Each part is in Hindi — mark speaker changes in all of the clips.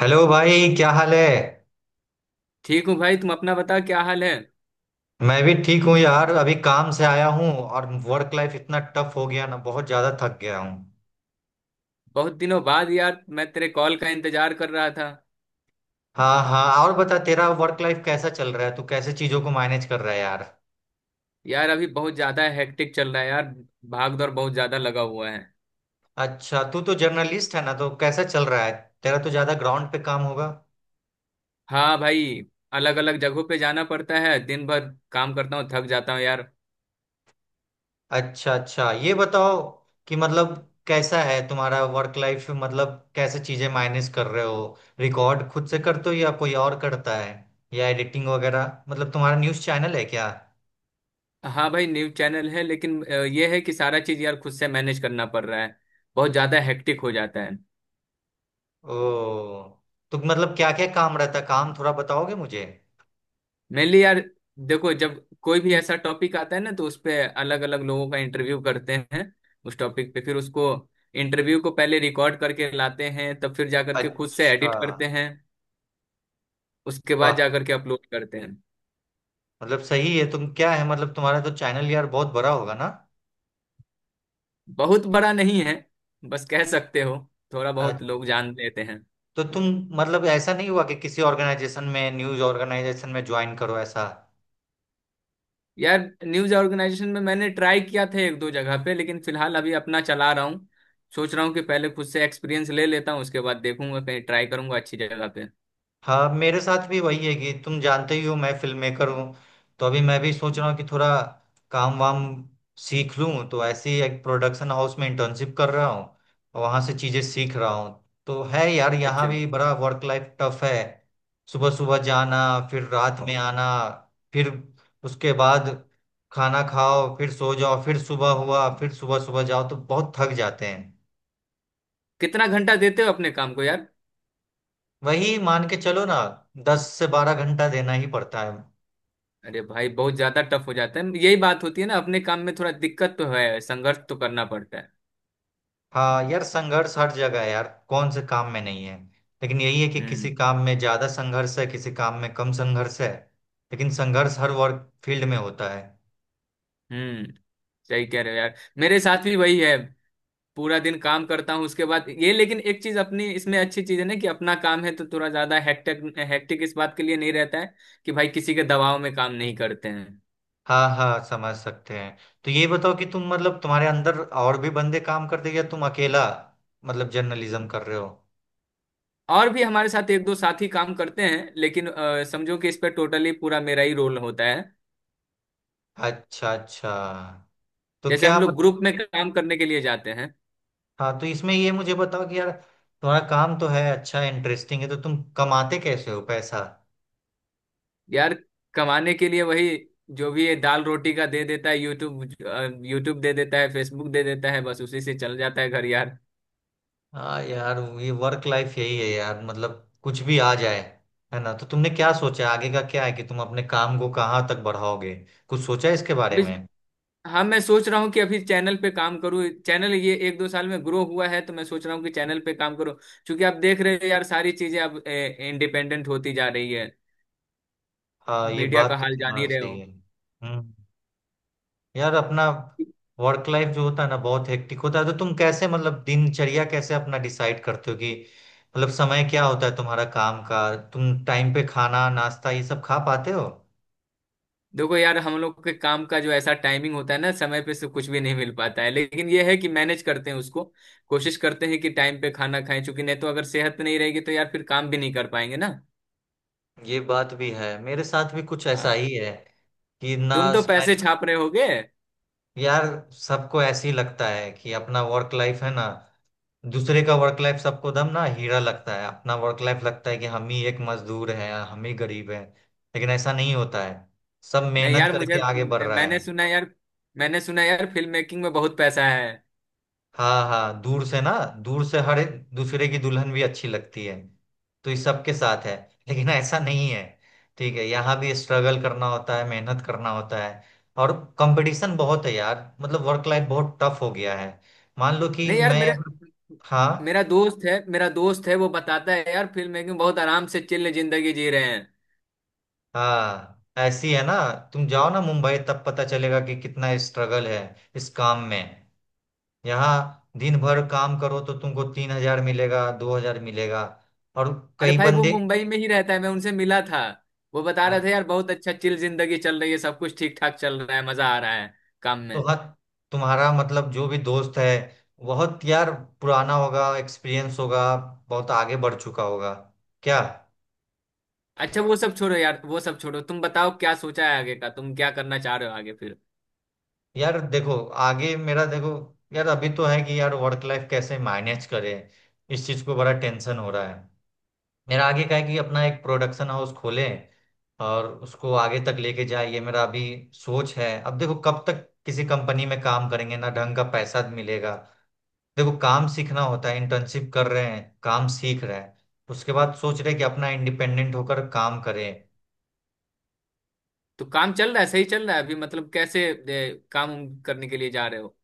Speaker 1: हेलो भाई, क्या हाल है।
Speaker 2: ठीक हूँ भाई। तुम अपना बता, क्या हाल है।
Speaker 1: मैं भी ठीक हूँ यार, अभी काम से आया हूँ और वर्क लाइफ इतना टफ हो गया ना, बहुत ज्यादा थक गया हूँ।
Speaker 2: बहुत दिनों बाद यार, मैं तेरे कॉल का इंतजार कर रहा था।
Speaker 1: हाँ हाँ, और बता तेरा वर्क लाइफ कैसा चल रहा है, तू कैसे चीजों को मैनेज कर रहा है यार।
Speaker 2: यार अभी बहुत ज्यादा हेक्टिक चल रहा है यार। भाग दौड़ बहुत ज्यादा लगा हुआ है।
Speaker 1: अच्छा, तू तो जर्नलिस्ट है ना, तो कैसा चल रहा है, तेरा तो ज्यादा ग्राउंड पे काम होगा।
Speaker 2: हाँ भाई। अलग अलग जगहों पे जाना पड़ता है। दिन भर काम करता हूँ, थक जाता हूँ यार।
Speaker 1: अच्छा अच्छा, ये बताओ कि मतलब कैसा है तुम्हारा वर्क लाइफ, मतलब कैसे चीजें मैनेज कर रहे हो, रिकॉर्ड खुद से करते हो या कोई और करता है, या एडिटिंग वगैरह, मतलब तुम्हारा न्यूज़ चैनल है क्या।
Speaker 2: हाँ भाई, न्यूज चैनल है, लेकिन ये है कि सारा चीज यार खुद से मैनेज करना पड़ रहा है। बहुत ज्यादा हेक्टिक हो जाता है।
Speaker 1: ओ, तो मतलब क्या क्या काम रहता है, काम थोड़ा बताओगे मुझे।
Speaker 2: मेनली यार देखो, जब कोई भी ऐसा टॉपिक आता है ना, तो उस पे अलग अलग लोगों का इंटरव्यू करते हैं। उस टॉपिक पे फिर उसको, इंटरव्यू को, पहले रिकॉर्ड करके लाते हैं, तब फिर जा करके खुद से
Speaker 1: अच्छा।
Speaker 2: एडिट करते हैं। उसके बाद
Speaker 1: वाह,
Speaker 2: जा करके अपलोड करते हैं।
Speaker 1: मतलब सही है, तुम क्या है मतलब तुम्हारा तो चैनल यार बहुत बड़ा होगा ना।
Speaker 2: बहुत बड़ा नहीं है। बस कह सकते हो, थोड़ा
Speaker 1: आ,
Speaker 2: बहुत लोग जान लेते हैं।
Speaker 1: तो तुम मतलब ऐसा नहीं हुआ कि किसी ऑर्गेनाइजेशन में, न्यूज़ ऑर्गेनाइजेशन में ज्वाइन करो, ऐसा।
Speaker 2: यार न्यूज ऑर्गेनाइजेशन में मैंने ट्राई किया था एक दो जगह पे, लेकिन फिलहाल अभी अपना चला रहा हूँ। सोच रहा हूँ कि पहले खुद से एक्सपीरियंस ले लेता हूँ, उसके बाद देखूंगा, कहीं ट्राई करूंगा अच्छी जगह पे।
Speaker 1: हाँ, मेरे साथ भी वही है कि तुम जानते ही हो मैं फिल्म मेकर हूँ, तो अभी मैं भी सोच रहा हूँ कि थोड़ा काम वाम सीख लूँ, तो ऐसे ही एक प्रोडक्शन हाउस में इंटर्नशिप कर रहा हूँ और वहाँ से चीज़ें सीख रहा हूँ। तो है यार, यहाँ
Speaker 2: अच्छा।
Speaker 1: भी बड़ा वर्क लाइफ टफ है। सुबह सुबह जाना, फिर रात में आना, फिर उसके बाद खाना खाओ, फिर सो जाओ, फिर सुबह हुआ, फिर सुबह सुबह जाओ, तो बहुत थक जाते हैं।
Speaker 2: कितना घंटा देते हो अपने काम को यार।
Speaker 1: वही मान के चलो ना, 10 से 12 घंटा देना ही पड़ता है।
Speaker 2: अरे भाई बहुत ज्यादा टफ हो जाता है। यही बात होती है ना, अपने काम में थोड़ा दिक्कत तो है, संघर्ष तो करना पड़ता है।
Speaker 1: हाँ यार, संघर्ष हर जगह है यार, कौन से काम में नहीं है। लेकिन यही है कि
Speaker 2: हम्म।
Speaker 1: किसी काम में ज्यादा संघर्ष है, किसी काम में कम संघर्ष है। लेकिन संघर्ष हर वर्क फील्ड में होता है।
Speaker 2: हम्म। सही कह रहे हो यार, मेरे साथ भी वही है। पूरा दिन काम करता हूँ उसके बाद ये, लेकिन एक चीज अपनी इसमें अच्छी चीज है ना, कि अपना काम है तो थोड़ा ज्यादा हेक्टिक, हेक्टिक इस बात के लिए नहीं रहता है कि भाई किसी के दबाव में काम नहीं करते हैं।
Speaker 1: हाँ हाँ, समझ सकते हैं। तो ये बताओ कि तुम मतलब तुम्हारे अंदर और भी बंदे काम करते हैं या तुम अकेला मतलब जर्नलिज्म कर रहे हो।
Speaker 2: और भी हमारे साथ एक दो साथी काम करते हैं, लेकिन समझो कि इस पर टोटली पूरा मेरा ही रोल होता है।
Speaker 1: अच्छा अच्छा, तो
Speaker 2: जैसे
Speaker 1: क्या
Speaker 2: हम लोग
Speaker 1: मतलब।
Speaker 2: ग्रुप में काम करने के लिए जाते हैं।
Speaker 1: हाँ, तो इसमें ये मुझे बताओ कि यार तुम्हारा काम तो है अच्छा, इंटरेस्टिंग है, तो तुम कमाते कैसे हो पैसा।
Speaker 2: यार कमाने के लिए वही, जो भी ये दाल रोटी का दे देता है यूट्यूब। यूट्यूब दे देता है, फेसबुक दे देता है, बस उसी से चल जाता है घर यार।
Speaker 1: हाँ यार, ये वर्क लाइफ यही है यार, मतलब कुछ भी आ जाए है ना। तो तुमने क्या सोचा है? आगे का क्या है, कि तुम अपने काम को कहाँ तक बढ़ाओगे, कुछ सोचा है इसके बारे
Speaker 2: अभी,
Speaker 1: में।
Speaker 2: हाँ मैं सोच रहा हूँ कि अभी चैनल पे काम करूँ। चैनल ये एक दो साल में ग्रो हुआ है, तो मैं सोच रहा हूँ कि चैनल पे काम करूँ। क्योंकि आप देख रहे हो यार, सारी चीजें अब इंडिपेंडेंट होती जा रही है।
Speaker 1: हाँ, ये
Speaker 2: मीडिया
Speaker 1: बात
Speaker 2: का
Speaker 1: तो
Speaker 2: हाल जान
Speaker 1: तुम्हारा
Speaker 2: ही रहे हो।
Speaker 1: सही है। हम्म यार, अपना वर्क लाइफ जो होता है ना बहुत हेक्टिक होता है, तो तुम कैसे मतलब दिनचर्या कैसे अपना डिसाइड करते हो, कि मतलब समय क्या होता है तुम्हारा काम का, तुम टाइम पे खाना नाश्ता ये सब खा पाते हो।
Speaker 2: देखो यार, हम लोग के काम का जो ऐसा टाइमिंग होता है ना, समय पे से कुछ भी नहीं मिल पाता है, लेकिन ये है कि मैनेज करते हैं उसको। कोशिश करते हैं कि टाइम पे खाना खाएं, चूंकि नहीं तो अगर सेहत नहीं रहेगी तो यार फिर काम भी नहीं कर पाएंगे ना।
Speaker 1: ये बात भी है, मेरे साथ भी कुछ ऐसा
Speaker 2: हाँ।
Speaker 1: ही है कि
Speaker 2: तुम
Speaker 1: ना
Speaker 2: तो
Speaker 1: समय।
Speaker 2: पैसे छाप रहे होगे।
Speaker 1: यार, सबको ऐसे ही लगता है कि अपना वर्क लाइफ है ना, दूसरे का वर्क लाइफ सबको दम ना हीरा लगता है, अपना वर्क लाइफ लगता है कि हम ही एक मजदूर हैं, हम ही गरीब हैं, लेकिन ऐसा नहीं होता है, सब
Speaker 2: नहीं
Speaker 1: मेहनत
Speaker 2: यार मुझे
Speaker 1: करके आगे बढ़ रहा
Speaker 2: मैंने
Speaker 1: है।
Speaker 2: सुना यार, फिल्म मेकिंग में बहुत पैसा है।
Speaker 1: हाँ हाँ, दूर से ना, दूर से हर एक दूसरे की दुल्हन भी अच्छी लगती है, तो ये सबके साथ है, लेकिन ऐसा नहीं है। ठीक है, यहाँ भी स्ट्रगल करना होता है, मेहनत करना होता है, और कंपटीशन बहुत है यार, मतलब वर्क लाइफ बहुत टफ हो गया है। मान लो कि
Speaker 2: नहीं यार
Speaker 1: मैं
Speaker 2: मेरा
Speaker 1: अगर। हाँ
Speaker 2: मेरा दोस्त है, वो बताता है यार, फिल्म मेकिंग बहुत आराम से चिल्ल जिंदगी जी रहे हैं।
Speaker 1: हाँ, ऐसी है ना, तुम जाओ ना मुंबई तब पता चलेगा कि कितना स्ट्रगल है इस काम में। यहाँ दिन भर काम करो तो तुमको 3 हज़ार मिलेगा, 2 हज़ार मिलेगा, और
Speaker 2: अरे
Speaker 1: कई
Speaker 2: भाई वो
Speaker 1: बंदे।
Speaker 2: मुंबई में ही रहता है, मैं उनसे मिला था। वो बता रहे थे यार, बहुत अच्छा चिल जिंदगी चल रही है, सब कुछ ठीक ठाक चल रहा है, मजा आ रहा है काम
Speaker 1: तो
Speaker 2: में।
Speaker 1: हाँ, तुम्हारा मतलब जो भी दोस्त है, बहुत यार पुराना होगा, एक्सपीरियंस होगा, बहुत आगे बढ़ चुका होगा, क्या।
Speaker 2: अच्छा वो सब छोड़ो यार, वो सब छोड़ो, तुम बताओ क्या सोचा है आगे का, तुम क्या करना चाह रहे हो आगे फिर।
Speaker 1: यार देखो, आगे मेरा देखो, यार अभी तो है कि यार वर्क लाइफ कैसे मैनेज करें, इस चीज को बड़ा टेंशन हो रहा है। मेरा आगे का है कि अपना एक प्रोडक्शन हाउस खोलें, और उसको आगे तक लेके जाए, ये मेरा अभी सोच है। अब देखो कब तक किसी कंपनी में काम करेंगे, ना ढंग का पैसा मिलेगा। देखो काम सीखना होता है, इंटर्नशिप कर रहे हैं, काम सीख रहे हैं। उसके बाद सोच रहे हैं कि अपना इंडिपेंडेंट होकर काम करें।
Speaker 2: तो काम चल रहा है, सही चल रहा है अभी। मतलब कैसे ए, काम उम करने के लिए जा रहे हो।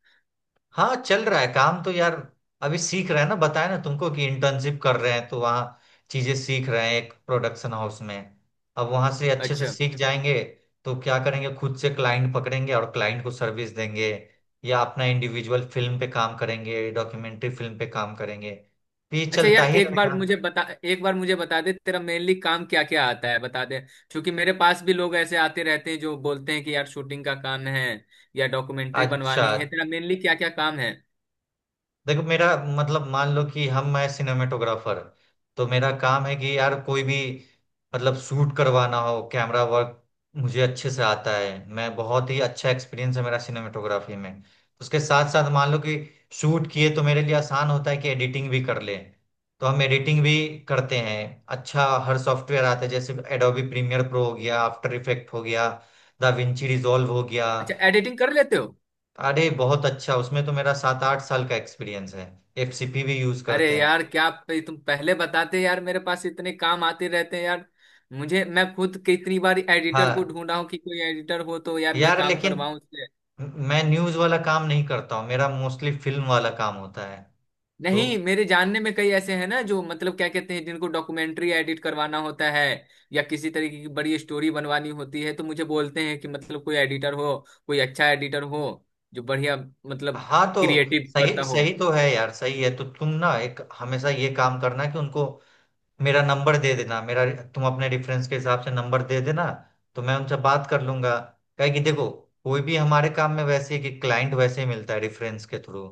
Speaker 1: हाँ, चल रहा है काम तो यार, अभी सीख रहे हैं ना, बताया ना तुमको कि इंटर्नशिप कर रहे हैं, तो वहाँ चीजें सीख रहे हैं, एक प्रोडक्शन हाउस में। अब वहां से अच्छे से
Speaker 2: अच्छा
Speaker 1: सीख जाएंगे, तो क्या करेंगे, खुद से क्लाइंट पकड़ेंगे और क्लाइंट को सर्विस देंगे, या अपना इंडिविजुअल फिल्म पे काम करेंगे, डॉक्यूमेंट्री फिल्म पे काम करेंगे, तो ये
Speaker 2: अच्छा।
Speaker 1: चलता
Speaker 2: यार
Speaker 1: ही
Speaker 2: एक बार
Speaker 1: रहेगा।
Speaker 2: मुझे बता, एक बार मुझे बता दे तेरा मेनली काम क्या क्या आता है बता दे। क्योंकि मेरे पास भी लोग ऐसे आते रहते हैं जो बोलते हैं कि यार शूटिंग का काम है या डॉक्यूमेंट्री
Speaker 1: अच्छा,
Speaker 2: बनवानी है। तेरा मेनली क्या क्या काम है।
Speaker 1: देखो मेरा मतलब, मान लो कि हम, मैं सिनेमेटोग्राफर, तो मेरा काम है कि यार कोई भी मतलब शूट करवाना हो, कैमरा वर्क मुझे अच्छे से आता है, मैं बहुत ही अच्छा एक्सपीरियंस है मेरा सिनेमेटोग्राफी में। उसके साथ साथ मान लो कि शूट किए, तो मेरे लिए आसान होता है कि एडिटिंग भी कर लें, तो हम एडिटिंग भी करते हैं। अच्छा, हर सॉफ्टवेयर आता है, जैसे एडोबी प्रीमियर प्रो हो गया, आफ्टर इफेक्ट हो गया, Da Vinci रिजॉल्व हो गया।
Speaker 2: अच्छा एडिटिंग कर लेते हो।
Speaker 1: अरे बहुत अच्छा, उसमें तो मेरा 7 8 साल का एक्सपीरियंस है, एफसीपी भी यूज
Speaker 2: अरे
Speaker 1: करते हैं।
Speaker 2: यार तुम पहले बताते यार, मेरे पास इतने काम आते रहते हैं यार। मुझे, मैं खुद कितनी बार एडिटर को
Speaker 1: हाँ
Speaker 2: ढूंढा हूं कि कोई एडिटर हो तो यार मैं
Speaker 1: यार,
Speaker 2: काम
Speaker 1: लेकिन
Speaker 2: करवाऊं उससे।
Speaker 1: मैं न्यूज वाला काम नहीं करता हूँ, मेरा मोस्टली फिल्म वाला काम होता है। तो
Speaker 2: नहीं मेरे जानने में कई ऐसे हैं ना जो मतलब क्या कहते हैं, जिनको डॉक्यूमेंट्री एडिट करवाना होता है या किसी तरीके की बड़ी स्टोरी बनवानी होती है, तो मुझे बोलते हैं कि मतलब कोई एडिटर हो, कोई अच्छा एडिटर हो, जो बढ़िया मतलब
Speaker 1: हाँ, तो
Speaker 2: क्रिएटिव
Speaker 1: सही
Speaker 2: करता हो।
Speaker 1: सही तो है यार, सही है, तो तुम ना एक हमेशा ये काम करना कि उनको मेरा नंबर दे देना, मेरा, तुम अपने रेफरेंस के हिसाब से नंबर दे देना, तो मैं उनसे बात कर लूंगा। क्या है कि देखो, कोई भी हमारे काम में वैसे है कि क्लाइंट वैसे ही मिलता है, रेफरेंस के थ्रू,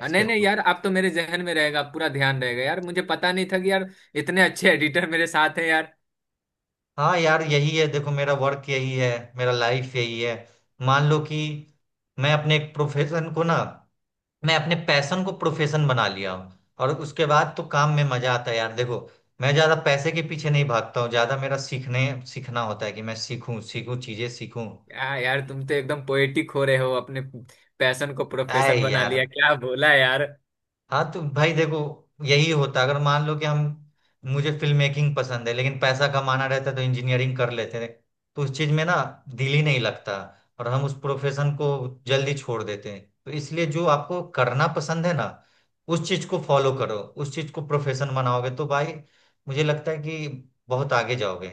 Speaker 2: हाँ, नहीं
Speaker 1: के
Speaker 2: नहीं
Speaker 1: थ्रू।
Speaker 2: यार, आप तो मेरे जहन में रहेगा, पूरा ध्यान रहेगा यार। मुझे पता नहीं था कि यार इतने अच्छे एडिटर मेरे साथ हैं यार।
Speaker 1: हाँ यार यही है, देखो मेरा वर्क यही है, मेरा लाइफ यही है। मान लो कि मैं अपने एक प्रोफेशन को ना, मैं अपने पैशन को प्रोफेशन बना लिया हूँ, और उसके बाद तो काम में मजा आता है यार। देखो मैं ज्यादा पैसे के पीछे नहीं भागता हूँ, ज्यादा मेरा सीखने सीखना होता है कि मैं सीखूं सीखूं चीजें सीखूं।
Speaker 2: यार तुम तो एकदम पोएटिक हो रहे हो। अपने पैशन को
Speaker 1: आए
Speaker 2: प्रोफेशन बना
Speaker 1: यार,
Speaker 2: लिया, क्या बोला यार।
Speaker 1: हाँ तो भाई देखो, यही होता अगर मान लो कि हम, मुझे फिल्म मेकिंग पसंद है, लेकिन पैसा कमाना रहता तो इंजीनियरिंग कर लेते हैं, तो उस चीज में ना दिल ही नहीं लगता, और हम उस प्रोफेशन को जल्दी छोड़ देते हैं। तो इसलिए जो आपको करना पसंद है ना, उस चीज को फॉलो करो, उस चीज को प्रोफेशन बनाओगे तो भाई मुझे लगता है कि बहुत आगे जाओगे।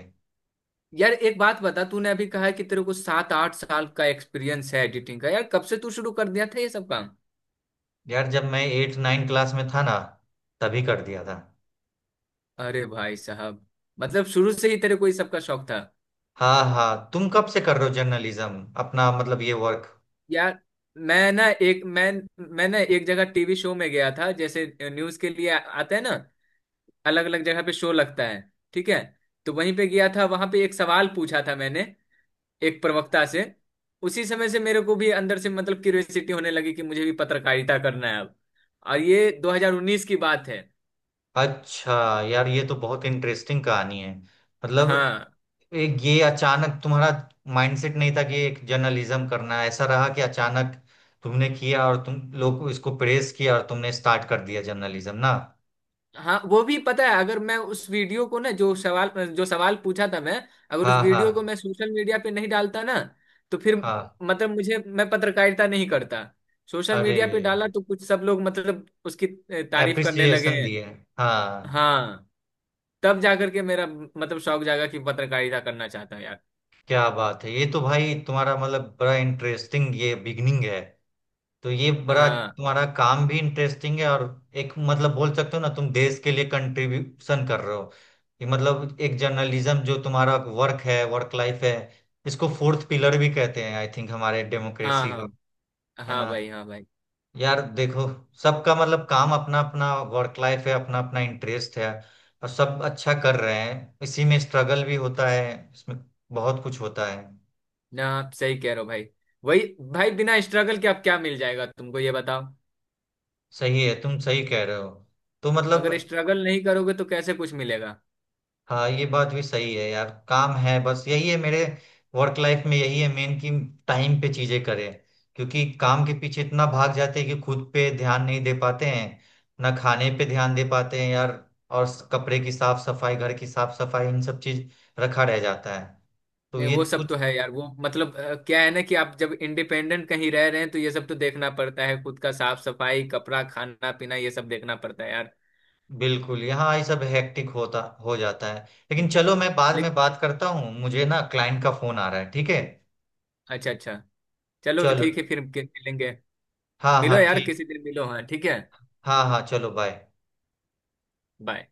Speaker 2: यार एक बात बता, तूने अभी कहा है कि तेरे को सात आठ साल का एक्सपीरियंस है एडिटिंग का। यार कब से तू शुरू कर दिया था ये सब काम।
Speaker 1: यार, जब मैं 8 9 क्लास में था ना, तभी कर दिया था।
Speaker 2: अरे भाई साहब, मतलब शुरू से ही तेरे को ये सब का शौक था।
Speaker 1: हाँ हाँ, तुम कब से कर रहे हो जर्नलिज्म अपना मतलब ये वर्क।
Speaker 2: यार मैं ना एक मैं मैं ना एक जगह टीवी शो में गया था, जैसे न्यूज के लिए आते हैं ना, अलग अलग जगह पे शो लगता है, ठीक है। तो वहीं पे गया था, वहां पे एक सवाल पूछा था मैंने एक प्रवक्ता से। उसी समय से मेरे को भी अंदर से मतलब क्यूरियोसिटी होने लगी कि मुझे भी पत्रकारिता करना है अब। और ये 2019 की बात है।
Speaker 1: अच्छा यार, ये तो बहुत इंटरेस्टिंग कहानी है, मतलब
Speaker 2: हाँ
Speaker 1: एक ये अचानक तुम्हारा माइंडसेट नहीं था कि एक जर्नलिज्म करना है। ऐसा रहा कि अचानक तुमने किया और तुम लोग इसको प्रेस किया और तुमने स्टार्ट कर दिया जर्नलिज्म ना।
Speaker 2: हाँ वो भी पता है। अगर मैं उस वीडियो को ना, जो सवाल पूछा था मैं, अगर उस
Speaker 1: हाँ हाँ
Speaker 2: वीडियो को मैं सोशल मीडिया पे नहीं डालता ना, तो फिर
Speaker 1: हाँ।
Speaker 2: मतलब मुझे, मैं पत्रकारिता नहीं करता। सोशल
Speaker 1: अरे,
Speaker 2: मीडिया पे डाला तो कुछ सब लोग मतलब उसकी तारीफ करने लगे।
Speaker 1: एप्रिसिएशन दिए। हाँ।
Speaker 2: हाँ। तब जाकर के मेरा मतलब शौक जागा कि पत्रकारिता करना चाहता हूँ यार।
Speaker 1: क्या बात है, ये तो भाई तुम्हारा मतलब बड़ा इंटरेस्टिंग ये बिगनिंग है, तो ये बड़ा
Speaker 2: हाँ
Speaker 1: तुम्हारा काम भी इंटरेस्टिंग है, और एक मतलब बोल सकते हो ना तुम देश के लिए कंट्रीब्यूशन कर रहे हो, ये मतलब एक जर्नलिज्म जो तुम्हारा वर्क है, वर्क लाइफ है, इसको फोर्थ पिलर भी कहते हैं आई थिंक हमारे
Speaker 2: हाँ।
Speaker 1: डेमोक्रेसी का,
Speaker 2: हाँ
Speaker 1: है
Speaker 2: हाँ
Speaker 1: ना।
Speaker 2: भाई, हाँ भाई।
Speaker 1: यार देखो, सबका मतलब काम, अपना अपना वर्क लाइफ है, अपना अपना इंटरेस्ट है, और सब अच्छा कर रहे हैं, इसी में स्ट्रगल भी होता है, इसमें बहुत कुछ होता है।
Speaker 2: ना आप सही कह रहे हो भाई, वही। भाई बिना स्ट्रगल के आप क्या मिल जाएगा तुमको, ये बताओ।
Speaker 1: सही है, तुम सही कह रहे हो, तो मतलब।
Speaker 2: अगर स्ट्रगल नहीं करोगे तो कैसे कुछ मिलेगा।
Speaker 1: हाँ, ये बात भी सही है यार, काम है, बस यही है मेरे वर्क लाइफ में, यही है मेन कि टाइम पे चीजें करें, क्योंकि काम के पीछे इतना भाग जाते हैं कि खुद पे ध्यान नहीं दे पाते हैं, ना खाने पे ध्यान दे पाते हैं यार, और कपड़े की साफ सफाई, घर की साफ सफाई, इन सब चीज रखा रह जाता है, तो
Speaker 2: नहीं
Speaker 1: ये
Speaker 2: वो सब
Speaker 1: कुछ।
Speaker 2: तो है यार, वो मतलब क्या है ना, कि आप जब इंडिपेंडेंट कहीं रह रहे हैं तो ये सब तो देखना पड़ता है, खुद का साफ सफाई, कपड़ा, खाना पीना, ये सब देखना पड़ता है यार।
Speaker 1: बिल्कुल, यहाँ ये सब हेक्टिक होता हो जाता है, लेकिन
Speaker 2: हम्म।
Speaker 1: चलो मैं बाद में
Speaker 2: लेकिन,
Speaker 1: बात करता हूँ, मुझे ना क्लाइंट का फोन आ रहा है, ठीक है।
Speaker 2: अच्छा अच्छा, चलो
Speaker 1: चलो,
Speaker 2: ठीक है फिर मिलेंगे।
Speaker 1: हाँ
Speaker 2: मिलो
Speaker 1: हाँ
Speaker 2: यार
Speaker 1: ठीक।
Speaker 2: किसी दिन मिलो, हाँ ठीक है।
Speaker 1: हाँ हाँ, चलो बाय।
Speaker 2: बाय।